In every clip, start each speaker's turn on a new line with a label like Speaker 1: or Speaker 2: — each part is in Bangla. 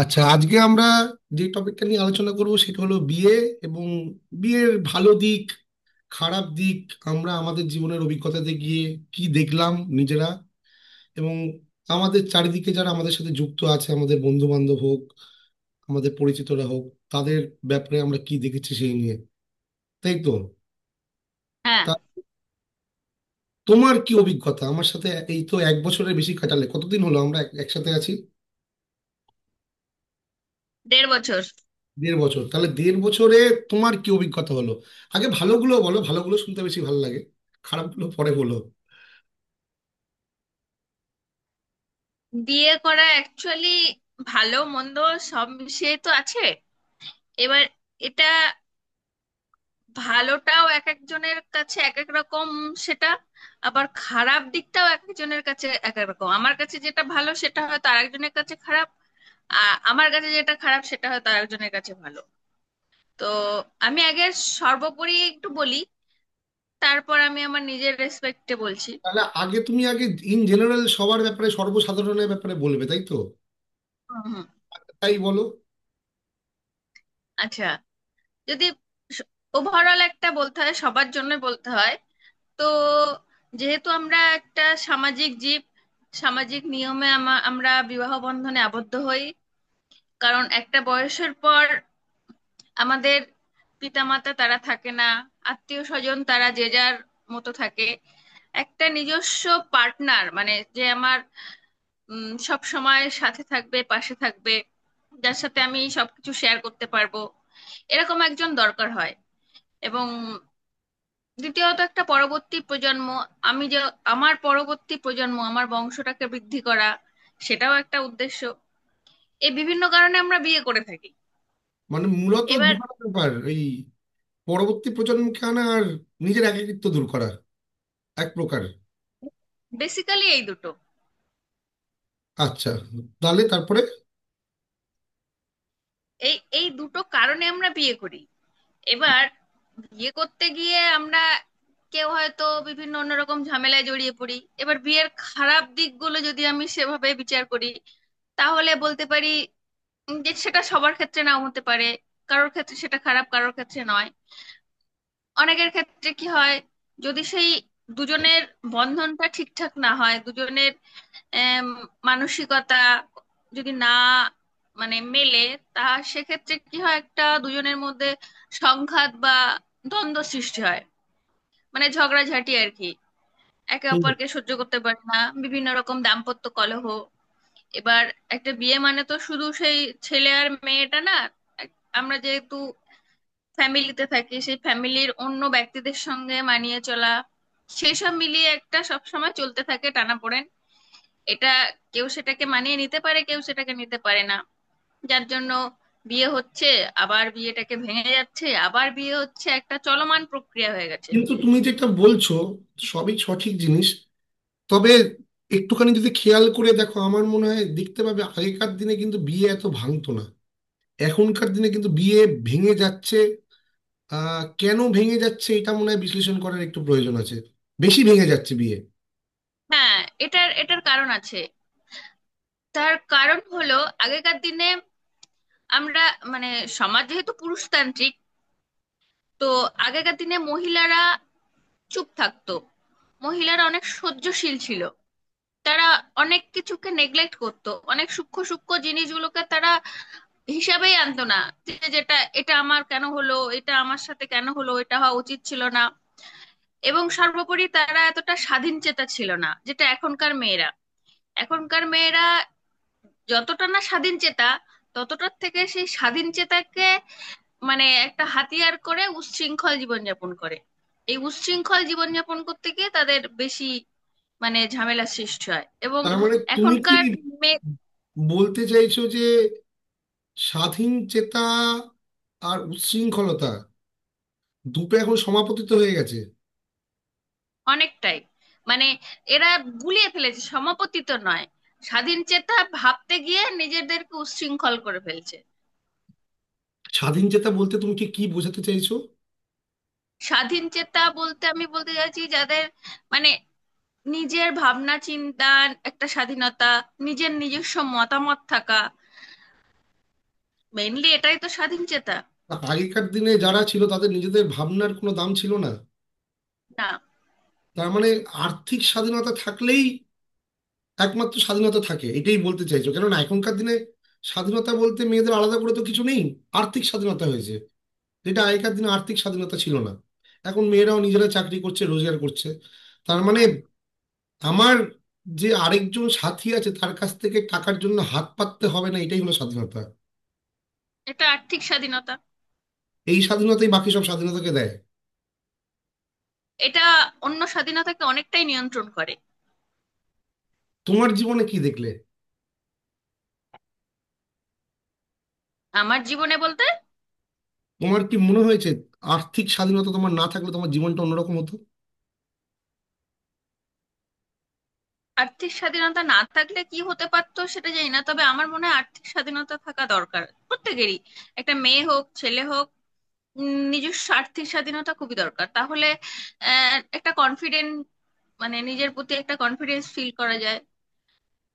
Speaker 1: আচ্ছা, আজকে আমরা যে টপিকটা নিয়ে আলোচনা করব সেটা হলো বিয়ে, এবং বিয়ের ভালো দিক, খারাপ দিক। আমরা আমাদের জীবনের অভিজ্ঞতাতে গিয়ে কি দেখলাম নিজেরা, এবং আমাদের চারিদিকে যারা আমাদের সাথে যুক্ত আছে, আমাদের বন্ধু বান্ধব হোক, আমাদের পরিচিতরা হোক, তাদের ব্যাপারে আমরা কি দেখেছি সেই নিয়ে। তাই তো?
Speaker 2: হ্যাঁ,
Speaker 1: তা তোমার কি অভিজ্ঞতা আমার সাথে, এই তো এক বছরের বেশি কাটালে, কতদিন হলো আমরা একসাথে আছি?
Speaker 2: দেড় বছর।
Speaker 1: দেড় বছর? তাহলে দেড় বছরে তোমার কি অভিজ্ঞতা হলো? আগে ভালোগুলো বলো, ভালোগুলো শুনতে বেশি ভালো লাগে, খারাপগুলো পরে বলো।
Speaker 2: বিয়ে করা অ্যাকচুয়ালি ভালো মন্দ সব মিশিয়ে তো আছে। এবার এটা, ভালোটাও এক একজনের কাছে এক এক রকম, সেটা আবার খারাপ দিকটাও এক একজনের কাছে এক এক রকম। আমার কাছে যেটা ভালো সেটা হয়তো আরেকজনের কাছে খারাপ, আমার কাছে যেটা খারাপ সেটা হয়তো আরেকজনের কাছে ভালো। তো আমি আগে সর্বোপরি একটু বলি, তারপর আমি আমার নিজের রেসপেক্টে বলছি।
Speaker 1: তাহলে আগে তুমি, আগে ইন জেনারেল সবার ব্যাপারে, সর্বসাধারণের ব্যাপারে বলবে, তাই তো?
Speaker 2: হুম, হুম।
Speaker 1: তাই বলো।
Speaker 2: আচ্ছা, যদি ওভারঅল একটা বলতে হয়, সবার জন্য বলতে হয়, তো যেহেতু আমরা একটা সামাজিক জীব, সামাজিক নিয়মে আমরা বিবাহ বন্ধনে আবদ্ধ হই। কারণ একটা বয়সের পর আমাদের পিতামাতা তারা থাকে না, আত্মীয় স্বজন তারা যে যার মতো থাকে। একটা নিজস্ব পার্টনার মানে, যে আমার সব সময় সাথে থাকবে, পাশে থাকবে, যার সাথে আমি সবকিছু শেয়ার করতে পারবো, এরকম একজন দরকার হয়। এবং দ্বিতীয়ত, একটা পরবর্তী প্রজন্ম, আমি যে আমার পরবর্তী প্রজন্ম, আমার বংশটাকে বৃদ্ধি করা, সেটাও একটা উদ্দেশ্য। এই বিভিন্ন কারণে আমরা বিয়ে করে থাকি।
Speaker 1: মানে মূলত
Speaker 2: এবার
Speaker 1: দুটো ব্যাপার, এই পরবর্তী প্রজন্মকে আনা আর নিজের একাকিত্ব দূর করা এক প্রকার।
Speaker 2: বেসিক্যালি এই দুটো,
Speaker 1: আচ্ছা, তাহলে তারপরে।
Speaker 2: এই এই দুটো কারণে আমরা বিয়ে করি। এবার বিয়ে করতে গিয়ে আমরা কেউ হয়তো বিভিন্ন অন্যরকম ঝামেলায় জড়িয়ে পড়ি। এবার বিয়ের খারাপ দিকগুলো যদি আমি সেভাবে বিচার করি, তাহলে বলতে পারি যে সেটা সবার ক্ষেত্রে নাও হতে পারে। কারোর ক্ষেত্রে সেটা খারাপ, কারোর ক্ষেত্রে নয়। অনেকের ক্ষেত্রে কি হয়, যদি সেই দুজনের বন্ধনটা ঠিকঠাক না হয়, দুজনের আম, মানসিকতা যদি না মানে মেলে, তা সেক্ষেত্রে কি হয়, একটা দুজনের মধ্যে সংঘাত বা দ্বন্দ্ব সৃষ্টি হয়, মানে ঝগড়াঝাটি আর কি। একে
Speaker 1: হুম।
Speaker 2: অপরকে সহ্য করতে পারে না, বিভিন্ন রকম দাম্পত্য কলহ। এবার একটা বিয়ে মানে তো শুধু সেই ছেলে আর মেয়েটা না, আমরা যেহেতু ফ্যামিলিতে থাকি, সেই ফ্যামিলির অন্য ব্যক্তিদের সঙ্গে মানিয়ে চলা, সেসব মিলিয়ে একটা সবসময় চলতে থাকে টানাপোড়েন। এটা কেউ সেটাকে মানিয়ে নিতে পারে, কেউ সেটাকে নিতে পারে না। যার জন্য বিয়ে হচ্ছে, আবার বিয়েটাকে ভেঙে যাচ্ছে, আবার বিয়ে হচ্ছে, একটা চলমান প্রক্রিয়া হয়ে গেছে।
Speaker 1: কিন্তু তুমি যেটা বলছো সবই সঠিক জিনিস, তবে একটুখানি যদি খেয়াল করে দেখো, আমার মনে হয় দেখতে পাবে আগেকার দিনে কিন্তু বিয়ে এত ভাঙতো না, এখনকার দিনে কিন্তু বিয়ে ভেঙে যাচ্ছে। আহ, কেন ভেঙে যাচ্ছে এটা মনে হয় বিশ্লেষণ করার একটু প্রয়োজন আছে। বেশি ভেঙে যাচ্ছে বিয়ে।
Speaker 2: হ্যাঁ, এটার এটার কারণ আছে। তার কারণ হলো, আগেকার দিনে আমরা মানে সমাজ যেহেতু পুরুষতান্ত্রিক, তো আগেকার দিনে মহিলারা চুপ থাকতো, মহিলারা অনেক সহ্যশীল ছিল। তারা অনেক কিছুকে নেগলেক্ট করতো, অনেক সূক্ষ্ম সূক্ষ্ম জিনিসগুলোকে তারা হিসাবেই আনতো না, যে যেটা এটা আমার কেন হলো, এটা আমার সাথে কেন হলো, এটা হওয়া উচিত ছিল না। এবং সর্বোপরি তারা এতটা স্বাধীন চেতা ছিল না যেটা এখনকার মেয়েরা। এখনকার মেয়েরা যতটা না স্বাধীন চেতা, ততটার থেকে সেই স্বাধীন চেতাকে মানে একটা হাতিয়ার করে উচ্ছৃঙ্খল জীবনযাপন করে। এই উচ্ছৃঙ্খল জীবনযাপন করতে গিয়ে তাদের বেশি মানে ঝামেলা সৃষ্টি হয়। এবং
Speaker 1: তার মানে তুমি কি
Speaker 2: এখনকার মেয়ে
Speaker 1: বলতে চাইছো যে স্বাধীন চেতা আর উচ্ছৃঙ্খলতা দুটো এখন সমাপতিত হয়ে গেছে?
Speaker 2: অনেকটাই মানে এরা গুলিয়ে ফেলেছে, সমাপতিত নয়, স্বাধীন চেতা ভাবতে গিয়ে নিজেদেরকে উচ্ছৃঙ্খল করে ফেলছে।
Speaker 1: স্বাধীন চেতা বলতে তুমি কি কি বোঝাতে চাইছো?
Speaker 2: স্বাধীন চেতা বলতে আমি বলতে চাইছি যাদের মানে নিজের ভাবনা চিন্তার একটা স্বাধীনতা, নিজের নিজস্ব মতামত থাকা, মেইনলি এটাই তো স্বাধীন চেতা।
Speaker 1: আগেকার দিনে যারা ছিল তাদের নিজেদের ভাবনার কোনো দাম ছিল না?
Speaker 2: না,
Speaker 1: তার মানে আর্থিক স্বাধীনতা থাকলেই একমাত্র স্বাধীনতা থাকে, এটাই বলতে চাইছো? কেননা এখনকার দিনে স্বাধীনতা বলতে মেয়েদের আলাদা করে তো কিছু নেই, আর্থিক স্বাধীনতা হয়েছে, যেটা আগেকার দিনে আর্থিক স্বাধীনতা ছিল না। এখন মেয়েরাও নিজেরা চাকরি করছে, রোজগার করছে। তার মানে আমার যে আরেকজন সাথী আছে তার কাছ থেকে টাকার জন্য হাত পাততে হবে না, এটাই হলো স্বাধীনতা।
Speaker 2: এটা আর্থিক স্বাধীনতা।
Speaker 1: এই স্বাধীনতাই বাকি সব স্বাধীনতাকে দেয়।
Speaker 2: এটা অন্য স্বাধীনতাকে অনেকটাই নিয়ন্ত্রণ করে।
Speaker 1: তোমার জীবনে কি দেখলে?
Speaker 2: আমার জীবনে বলতে,
Speaker 1: তোমার কি মনে হয়েছে আর্থিক স্বাধীনতা তোমার না থাকলে তোমার জীবনটা অন্যরকম হতো?
Speaker 2: আর্থিক স্বাধীনতা না থাকলে কি হতে পারতো সেটা জানি না, তবে আমার মনে হয় আর্থিক স্বাধীনতা থাকা দরকার প্রত্যেকেরই, একটা মেয়ে হোক, ছেলে হোক। নিজস্ব আর্থিক স্বাধীনতা খুবই দরকার। তাহলে একটা কনফিডেন্ট, মানে নিজের প্রতি একটা কনফিডেন্স ফিল করা যায়,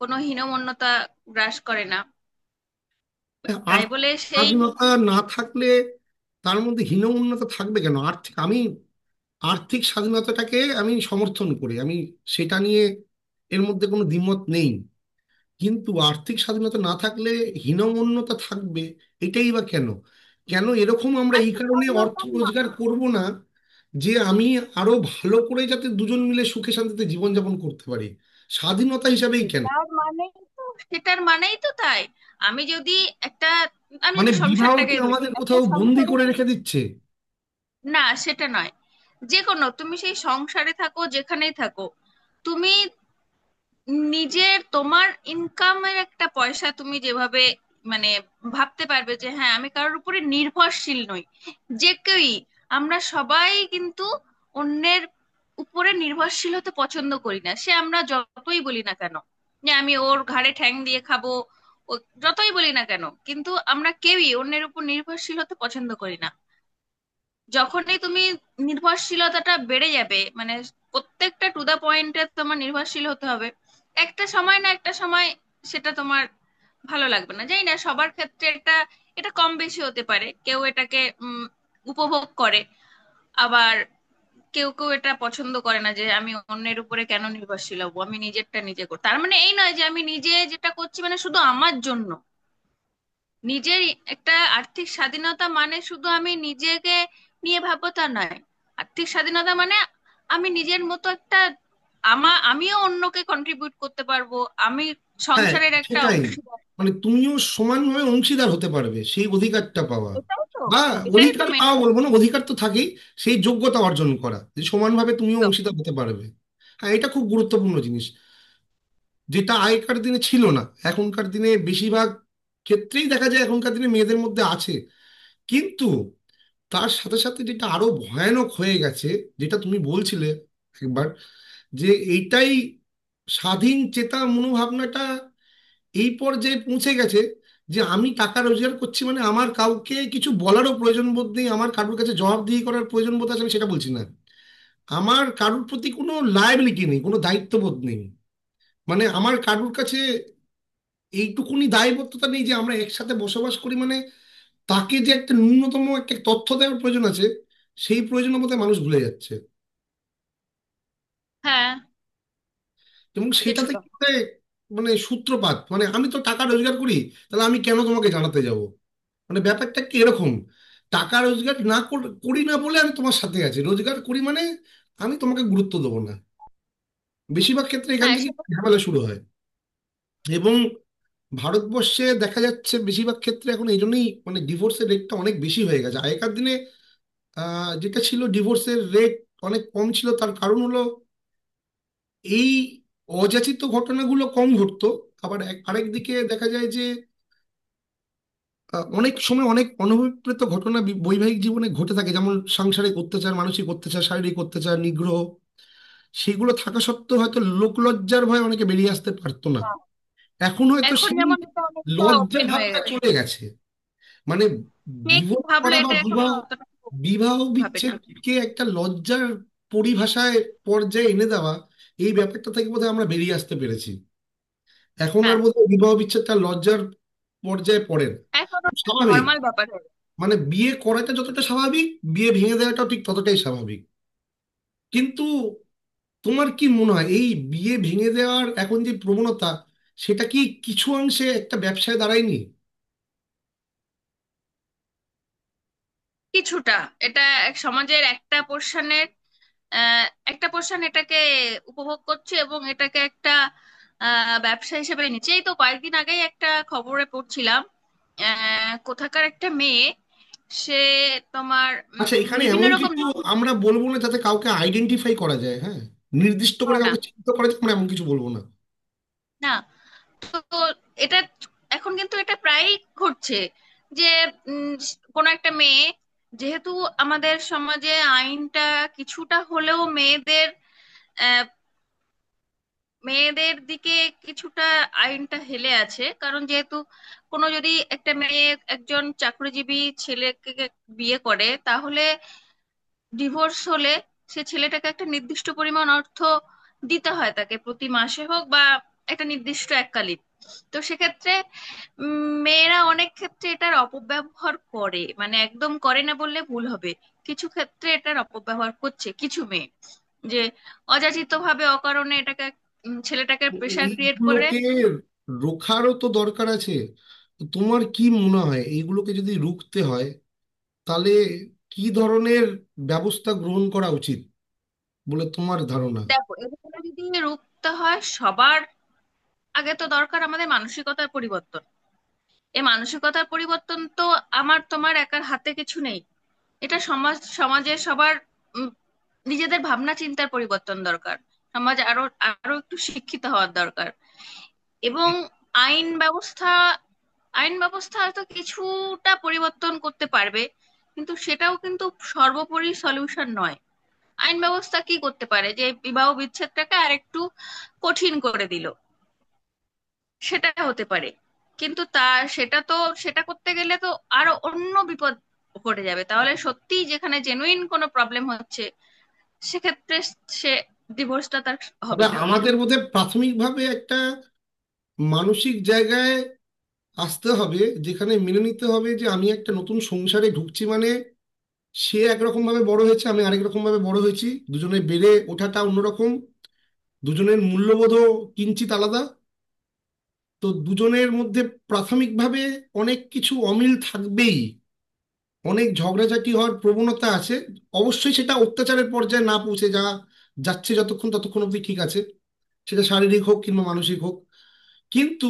Speaker 2: কোনো হীনমন্যতা গ্রাস করে না।
Speaker 1: আর
Speaker 2: তাই বলে সেই
Speaker 1: স্বাধীনতা না থাকলে তার মধ্যে হীনমন্যতা থাকবে কেন? আর্থিক, আমি আর্থিক স্বাধীনতাটাকে আমি সমর্থন করি, আমি সেটা নিয়ে, এর মধ্যে কোনো দ্বিমত নেই, কিন্তু আর্থিক স্বাধীনতা না থাকলে হীনমন্যতা থাকবে এটাই বা কেন? কেন এরকম আমরা এই
Speaker 2: আর্থিক
Speaker 1: কারণে অর্থ
Speaker 2: স্বাধীনতা না,
Speaker 1: রোজগার করব না যে আমি আরো ভালো করে যাতে দুজন মিলে সুখে শান্তিতে জীবনযাপন করতে পারি, স্বাধীনতা হিসাবেই কেন?
Speaker 2: সেটার মানেই তো, সেটার মানেই তো তাই। আমি যদি একটা, আমি
Speaker 1: মানে
Speaker 2: যদি
Speaker 1: বিবাহ
Speaker 2: সংসারটাকে
Speaker 1: কি
Speaker 2: ধরি,
Speaker 1: আমাদের
Speaker 2: একটা
Speaker 1: কোথাও বন্দি
Speaker 2: সংসারে
Speaker 1: করে রেখে দিচ্ছে?
Speaker 2: না সেটা নয়, যে কোনো তুমি সেই সংসারে থাকো, যেখানেই থাকো, তুমি নিজের তোমার ইনকামের একটা পয়সা তুমি যেভাবে মানে ভাবতে পারবে যে হ্যাঁ, আমি কারোর উপরে নির্ভরশীল নই। যে কেউই, আমরা সবাই কিন্তু অন্যের উপরে নির্ভরশীল হতে পছন্দ করি না, সে আমরা যতই বলি না কেন যে আমি ওর ঘাড়ে ঠ্যাং দিয়ে খাবো, যতই বলি না কেন, কিন্তু আমরা কেউই অন্যের উপর নির্ভরশীল হতে পছন্দ করি না। যখনই তুমি নির্ভরশীলতাটা বেড়ে যাবে মানে প্রত্যেকটা টু দা পয়েন্টে তোমার নির্ভরশীল হতে হবে, একটা সময় না একটা সময় সেটা তোমার ভালো লাগবে না। জানি না সবার ক্ষেত্রে, এটা এটা কম বেশি হতে পারে, কেউ এটাকে উম, উপভোগ করে, আবার কেউ কেউ এটা পছন্দ করে না যে আমি অন্যের উপরে কেন নির্ভরশীল হবো, আমি নিজেরটা নিজে করি। তার মানে এই নয় যে আমি নিজে যেটা করছি মানে শুধু আমার জন্য, নিজের একটা আর্থিক স্বাধীনতা মানে শুধু আমি নিজেকে নিয়ে ভাববো তা নয়। আর্থিক স্বাধীনতা মানে আমি নিজের মতো একটা, আমিও অন্যকে কন্ট্রিবিউট করতে পারবো, আমি
Speaker 1: হ্যাঁ,
Speaker 2: সংসারের একটা
Speaker 1: সেটাই।
Speaker 2: অংশ।
Speaker 1: মানে তুমিও সমানভাবে অংশীদার হতে পারবে সেই অধিকারটা পাওয়া,
Speaker 2: এটাই তো,
Speaker 1: বা
Speaker 2: এটাই তো
Speaker 1: অধিকার
Speaker 2: মেন।
Speaker 1: পাওয়া বলবো না, অধিকার তো থাকেই, সেই যোগ্যতা অর্জন করা যে সমানভাবে তুমিও
Speaker 2: একদম।
Speaker 1: অংশীদার হতে পারবে। হ্যাঁ, এটা খুব গুরুত্বপূর্ণ জিনিস, যেটা আগেকার দিনে ছিল না, এখনকার দিনে বেশিরভাগ ক্ষেত্রেই দেখা যায়, এখনকার দিনে মেয়েদের মধ্যে আছে। কিন্তু তার সাথে সাথে যেটা আরো ভয়ানক হয়ে গেছে, যেটা তুমি বলছিলে একবার, যে এইটাই স্বাধীন চেতা মনোভাবনাটা এই পর্যায়ে পৌঁছে গেছে যে আমি টাকা রোজগার করছি মানে আমার কাউকে কিছু বলারও প্রয়োজন বোধ নেই। আমার কারোর কাছে জবাবদিহি করার প্রয়োজন বোধ আছে আমি সেটা বলছি না, আমার কারোর প্রতি কোনো লায়াবিলিটি নেই, কোনো দায়িত্ববোধ নেই, মানে আমার কারোর কাছে এইটুকুনি দায়বদ্ধতা নেই যে আমরা একসাথে বসবাস করি, মানে তাকে যে একটা ন্যূনতম একটা তথ্য দেওয়ার প্রয়োজন আছে, সেই প্রয়োজন বোধহয় মানুষ ভুলে যাচ্ছে।
Speaker 2: হ্যাঁ,
Speaker 1: এবং সেটাতে
Speaker 2: কিছুটা।
Speaker 1: কি হয়, মানে সূত্রপাত, মানে আমি তো টাকা রোজগার করি, তাহলে আমি কেন তোমাকে জানাতে যাব, মানে ব্যাপারটা কি এরকম, টাকা রোজগার না করি না বলে আমি তোমার সাথে আছি, রোজগার করি মানে আমি তোমাকে গুরুত্ব দেবো না। বেশিরভাগ ক্ষেত্রে এখান
Speaker 2: হ্যাঁ,
Speaker 1: থেকে
Speaker 2: সেটা ছিল।
Speaker 1: ঝামেলা শুরু হয়। এবং ভারতবর্ষে দেখা যাচ্ছে বেশিরভাগ ক্ষেত্রে এখন এই জন্যই মানে ডিভোর্সের রেটটা অনেক বেশি হয়ে গেছে। আগেকার দিনে যেটা ছিল ডিভোর্সের রেট অনেক কম ছিল, তার কারণ হলো এই অযাচিত ঘটনাগুলো কম ঘটতো। আবার আরেকদিকে দেখা যায় যে অনেক সময় অনেক অনভিপ্রেত ঘটনা বৈবাহিক জীবনে ঘটে থাকে, যেমন সাংসারিক অত্যাচার, মানসিক অত্যাচার, শারীরিক অত্যাচার, নিগ্রহ। সেগুলো থাকা সত্ত্বেও হয়তো লোকলজ্জার ভয়ে অনেকে বেরিয়ে আসতে পারতো না।
Speaker 2: হ্যাঁ।
Speaker 1: এখন হয়তো
Speaker 2: এখন
Speaker 1: সেই
Speaker 2: যেমন এটা অনেকটা
Speaker 1: লজ্জা
Speaker 2: ওপেন হয়ে
Speaker 1: ভাবটা
Speaker 2: গেছে,
Speaker 1: চলে গেছে। মানে
Speaker 2: কে কি
Speaker 1: ডিভোর্স
Speaker 2: ভাবলো
Speaker 1: করা বা
Speaker 2: এটা এখন আর
Speaker 1: বিবাহ,
Speaker 2: অতটা
Speaker 1: বিবাহ
Speaker 2: ভাবে না।
Speaker 1: বিচ্ছেদকে একটা লজ্জার পরিভাষায়, পর্যায়ে এনে দেওয়া, এই ব্যাপারটা থেকে বোধহয় আমরা বেরিয়ে আসতে পেরেছি। এখন আর
Speaker 2: হ্যাঁ,
Speaker 1: বোধহয় বিবাহ বিচ্ছেদটা লজ্জার পর্যায়ে পড়ে না,
Speaker 2: এখন
Speaker 1: স্বাভাবিক।
Speaker 2: নর্মাল ব্যাপার হয়ে গেছে।
Speaker 1: মানে বিয়ে করাটা যতটা স্বাভাবিক, বিয়ে ভেঙে দেওয়াটাও ঠিক ততটাই স্বাভাবিক। কিন্তু তোমার কি মনে হয় এই বিয়ে ভেঙে দেওয়ার এখন যে প্রবণতা, সেটা কি কিছু অংশে একটা ব্যবসায় দাঁড়ায়নি?
Speaker 2: কিছুটা, এটা এক সমাজের একটা পোর্শনের, আহ, একটা পোর্শন এটাকে উপভোগ করছে এবং এটাকে একটা ব্যবসা হিসেবে নিচ্ছে। এই তো কয়েকদিন আগেই একটা খবরে পড়ছিলাম, কোথাকার একটা মেয়ে, সে তোমার
Speaker 1: আচ্ছা, এখানে
Speaker 2: বিভিন্ন
Speaker 1: এমন
Speaker 2: রকম।
Speaker 1: কিছু
Speaker 2: না,
Speaker 1: আমরা বলবো না যাতে কাউকে আইডেন্টিফাই করা যায়, হ্যাঁ, নির্দিষ্ট
Speaker 2: না,
Speaker 1: করে
Speaker 2: না,
Speaker 1: কাউকে চিহ্নিত করা যায় আমরা এমন কিছু বলবো না।
Speaker 2: না। তো এটা এখন কিন্তু এটা প্রায়ই ঘটছে, যে উম, কোনো একটা মেয়ে, যেহেতু আমাদের সমাজে আইনটা কিছুটা হলেও মেয়েদের, মেয়েদের দিকে কিছুটা আইনটা হেলে আছে, কারণ যেহেতু কোনো যদি একটা মেয়ে একজন চাকরিজীবী ছেলেকে বিয়ে করে, তাহলে ডিভোর্স হলে সে ছেলেটাকে একটা নির্দিষ্ট পরিমাণ অর্থ দিতে হয় তাকে, প্রতি মাসে হোক বা একটা নির্দিষ্ট এককালীন। তো সেক্ষেত্রে মেয়েরা অনেক ক্ষেত্রে এটার অপব্যবহার করে, মানে একদম করে না বললে ভুল হবে, কিছু ক্ষেত্রে এটার অপব্যবহার করছে কিছু মেয়ে, যে অযাচিত ভাবে অকারণে এটাকে ছেলেটাকে প্রেশার ক্রিয়েট করে।
Speaker 1: এইগুলোকে রোখারও তো দরকার আছে। তো তোমার কি মনে হয় এইগুলোকে যদি রুখতে হয় তাহলে কি ধরনের ব্যবস্থা গ্রহণ করা উচিত বলে তোমার ধারণা?
Speaker 2: দেখো, এগুলো যদি রুখতে হয় সবার আগে তো দরকার আমাদের মানসিকতার পরিবর্তন। এই মানসিকতার পরিবর্তন তো আমার তোমার একার হাতে কিছু নেই। এটা সমাজ, সমাজে সবার উম, নিজেদের ভাবনা চিন্তার পরিবর্তন দরকার, সমাজ আরো আরো একটু শিক্ষিত হওয়ার দরকার। এবং আইন ব্যবস্থা, আইন ব্যবস্থা হয়তো কিছুটা পরিবর্তন করতে পারবে, কিন্তু সেটাও কিন্তু সর্বোপরি সলিউশন নয়। আইন ব্যবস্থা কি করতে পারে, যে বিবাহ বিচ্ছেদটাকে আরেকটু কঠিন করে দিল, সেটা হতে পারে। কিন্তু তা, সেটা তো, সেটা করতে গেলে তো আরো অন্য বিপদ ঘটে যাবে। তাহলে সত্যি যেখানে জেনুইন কোনো প্রবলেম হচ্ছে, সেক্ষেত্রে সে ডিভোর্সটা তার
Speaker 1: তবে
Speaker 2: হবে না।
Speaker 1: আমাদের বোধহয় প্রাথমিকভাবে একটা মানসিক জায়গায় আসতে হবে যেখানে মেনে নিতে হবে যে আমি একটা নতুন সংসারে ঢুকছি, মানে সে একরকম ভাবে বড় হয়েছে, আমি আরেক রকম ভাবে বড় হয়েছি, দুজনে বেড়ে ওঠাটা অন্যরকম, দুজনের মূল্যবোধও কিঞ্চিত আলাদা, তো দুজনের মধ্যে প্রাথমিকভাবে অনেক কিছু অমিল থাকবেই, অনেক ঝগড়াঝাটি হওয়ার প্রবণতা আছে, অবশ্যই সেটা অত্যাচারের পর্যায়ে না পৌঁছে, যা যাচ্ছে যতক্ষণ ততক্ষণ অব্দি ঠিক আছে, সেটা শারীরিক হোক কিংবা মানসিক হোক। কিন্তু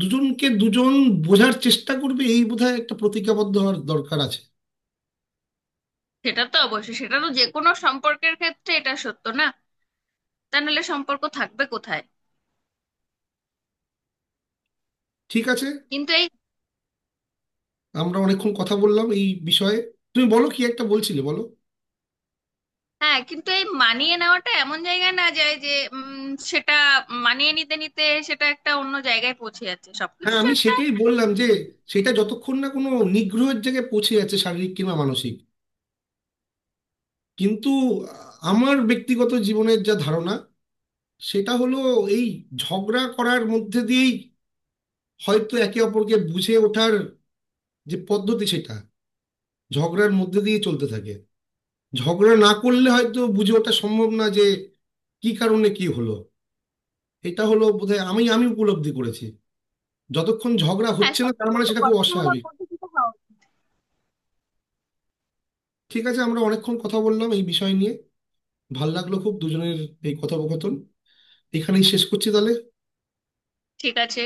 Speaker 1: দুজনকে দুজন বোঝার চেষ্টা করবে, এই বোধহয় একটা প্রতিজ্ঞাবদ্ধ হওয়ার দরকার আছে।
Speaker 2: সেটা তো অবশ্যই, সেটা তো যে কোনো সম্পর্কের ক্ষেত্রে এটা সত্য না, তা নাহলে সম্পর্ক থাকবে কোথায়।
Speaker 1: ঠিক আছে,
Speaker 2: কিন্তু এই,
Speaker 1: আমরা অনেকক্ষণ কথা বললাম এই বিষয়ে। তুমি বলো, কি একটা বলছিলে বলো।
Speaker 2: হ্যাঁ, কিন্তু এই মানিয়ে নেওয়াটা এমন জায়গায় না যায় যে উম, সেটা মানিয়ে নিতে নিতে সেটা একটা অন্য জায়গায় পৌঁছে যাচ্ছে,
Speaker 1: হ্যাঁ,
Speaker 2: সবকিছু
Speaker 1: আমি
Speaker 2: একটা।
Speaker 1: সেটাই বললাম যে সেটা যতক্ষণ না কোনো নিগ্রহের জায়গায় পৌঁছে যাচ্ছে, শারীরিক কিংবা মানসিক। কিন্তু আ, আমার ব্যক্তিগত জীবনের যা ধারণা, সেটা হলো এই ঝগড়া করার মধ্যে দিয়েই হয়তো একে অপরকে বুঝে ওঠার যে পদ্ধতি, সেটা ঝগড়ার মধ্যে দিয়ে চলতে থাকে। ঝগড়া না করলে হয়তো বুঝে ওঠা সম্ভব না যে কি কারণে কি হলো। এটা হলো বোধহয়, আমি আমি উপলব্ধি করেছি যতক্ষণ ঝগড়া
Speaker 2: হ্যাঁ,
Speaker 1: হচ্ছে না তার
Speaker 2: সবকিছু
Speaker 1: মানে
Speaker 2: একটা
Speaker 1: সেটা খুব
Speaker 2: গঠনমূলক
Speaker 1: অস্বাভাবিক।
Speaker 2: পদ্ধতিতে হওয়া উচিত।
Speaker 1: ঠিক আছে, আমরা অনেকক্ষণ কথা বললাম এই বিষয় নিয়ে। ভাল লাগলো খুব দুজনের এই কথোপকথন। এখানেই শেষ করছি তাহলে।
Speaker 2: ঠিক আছে।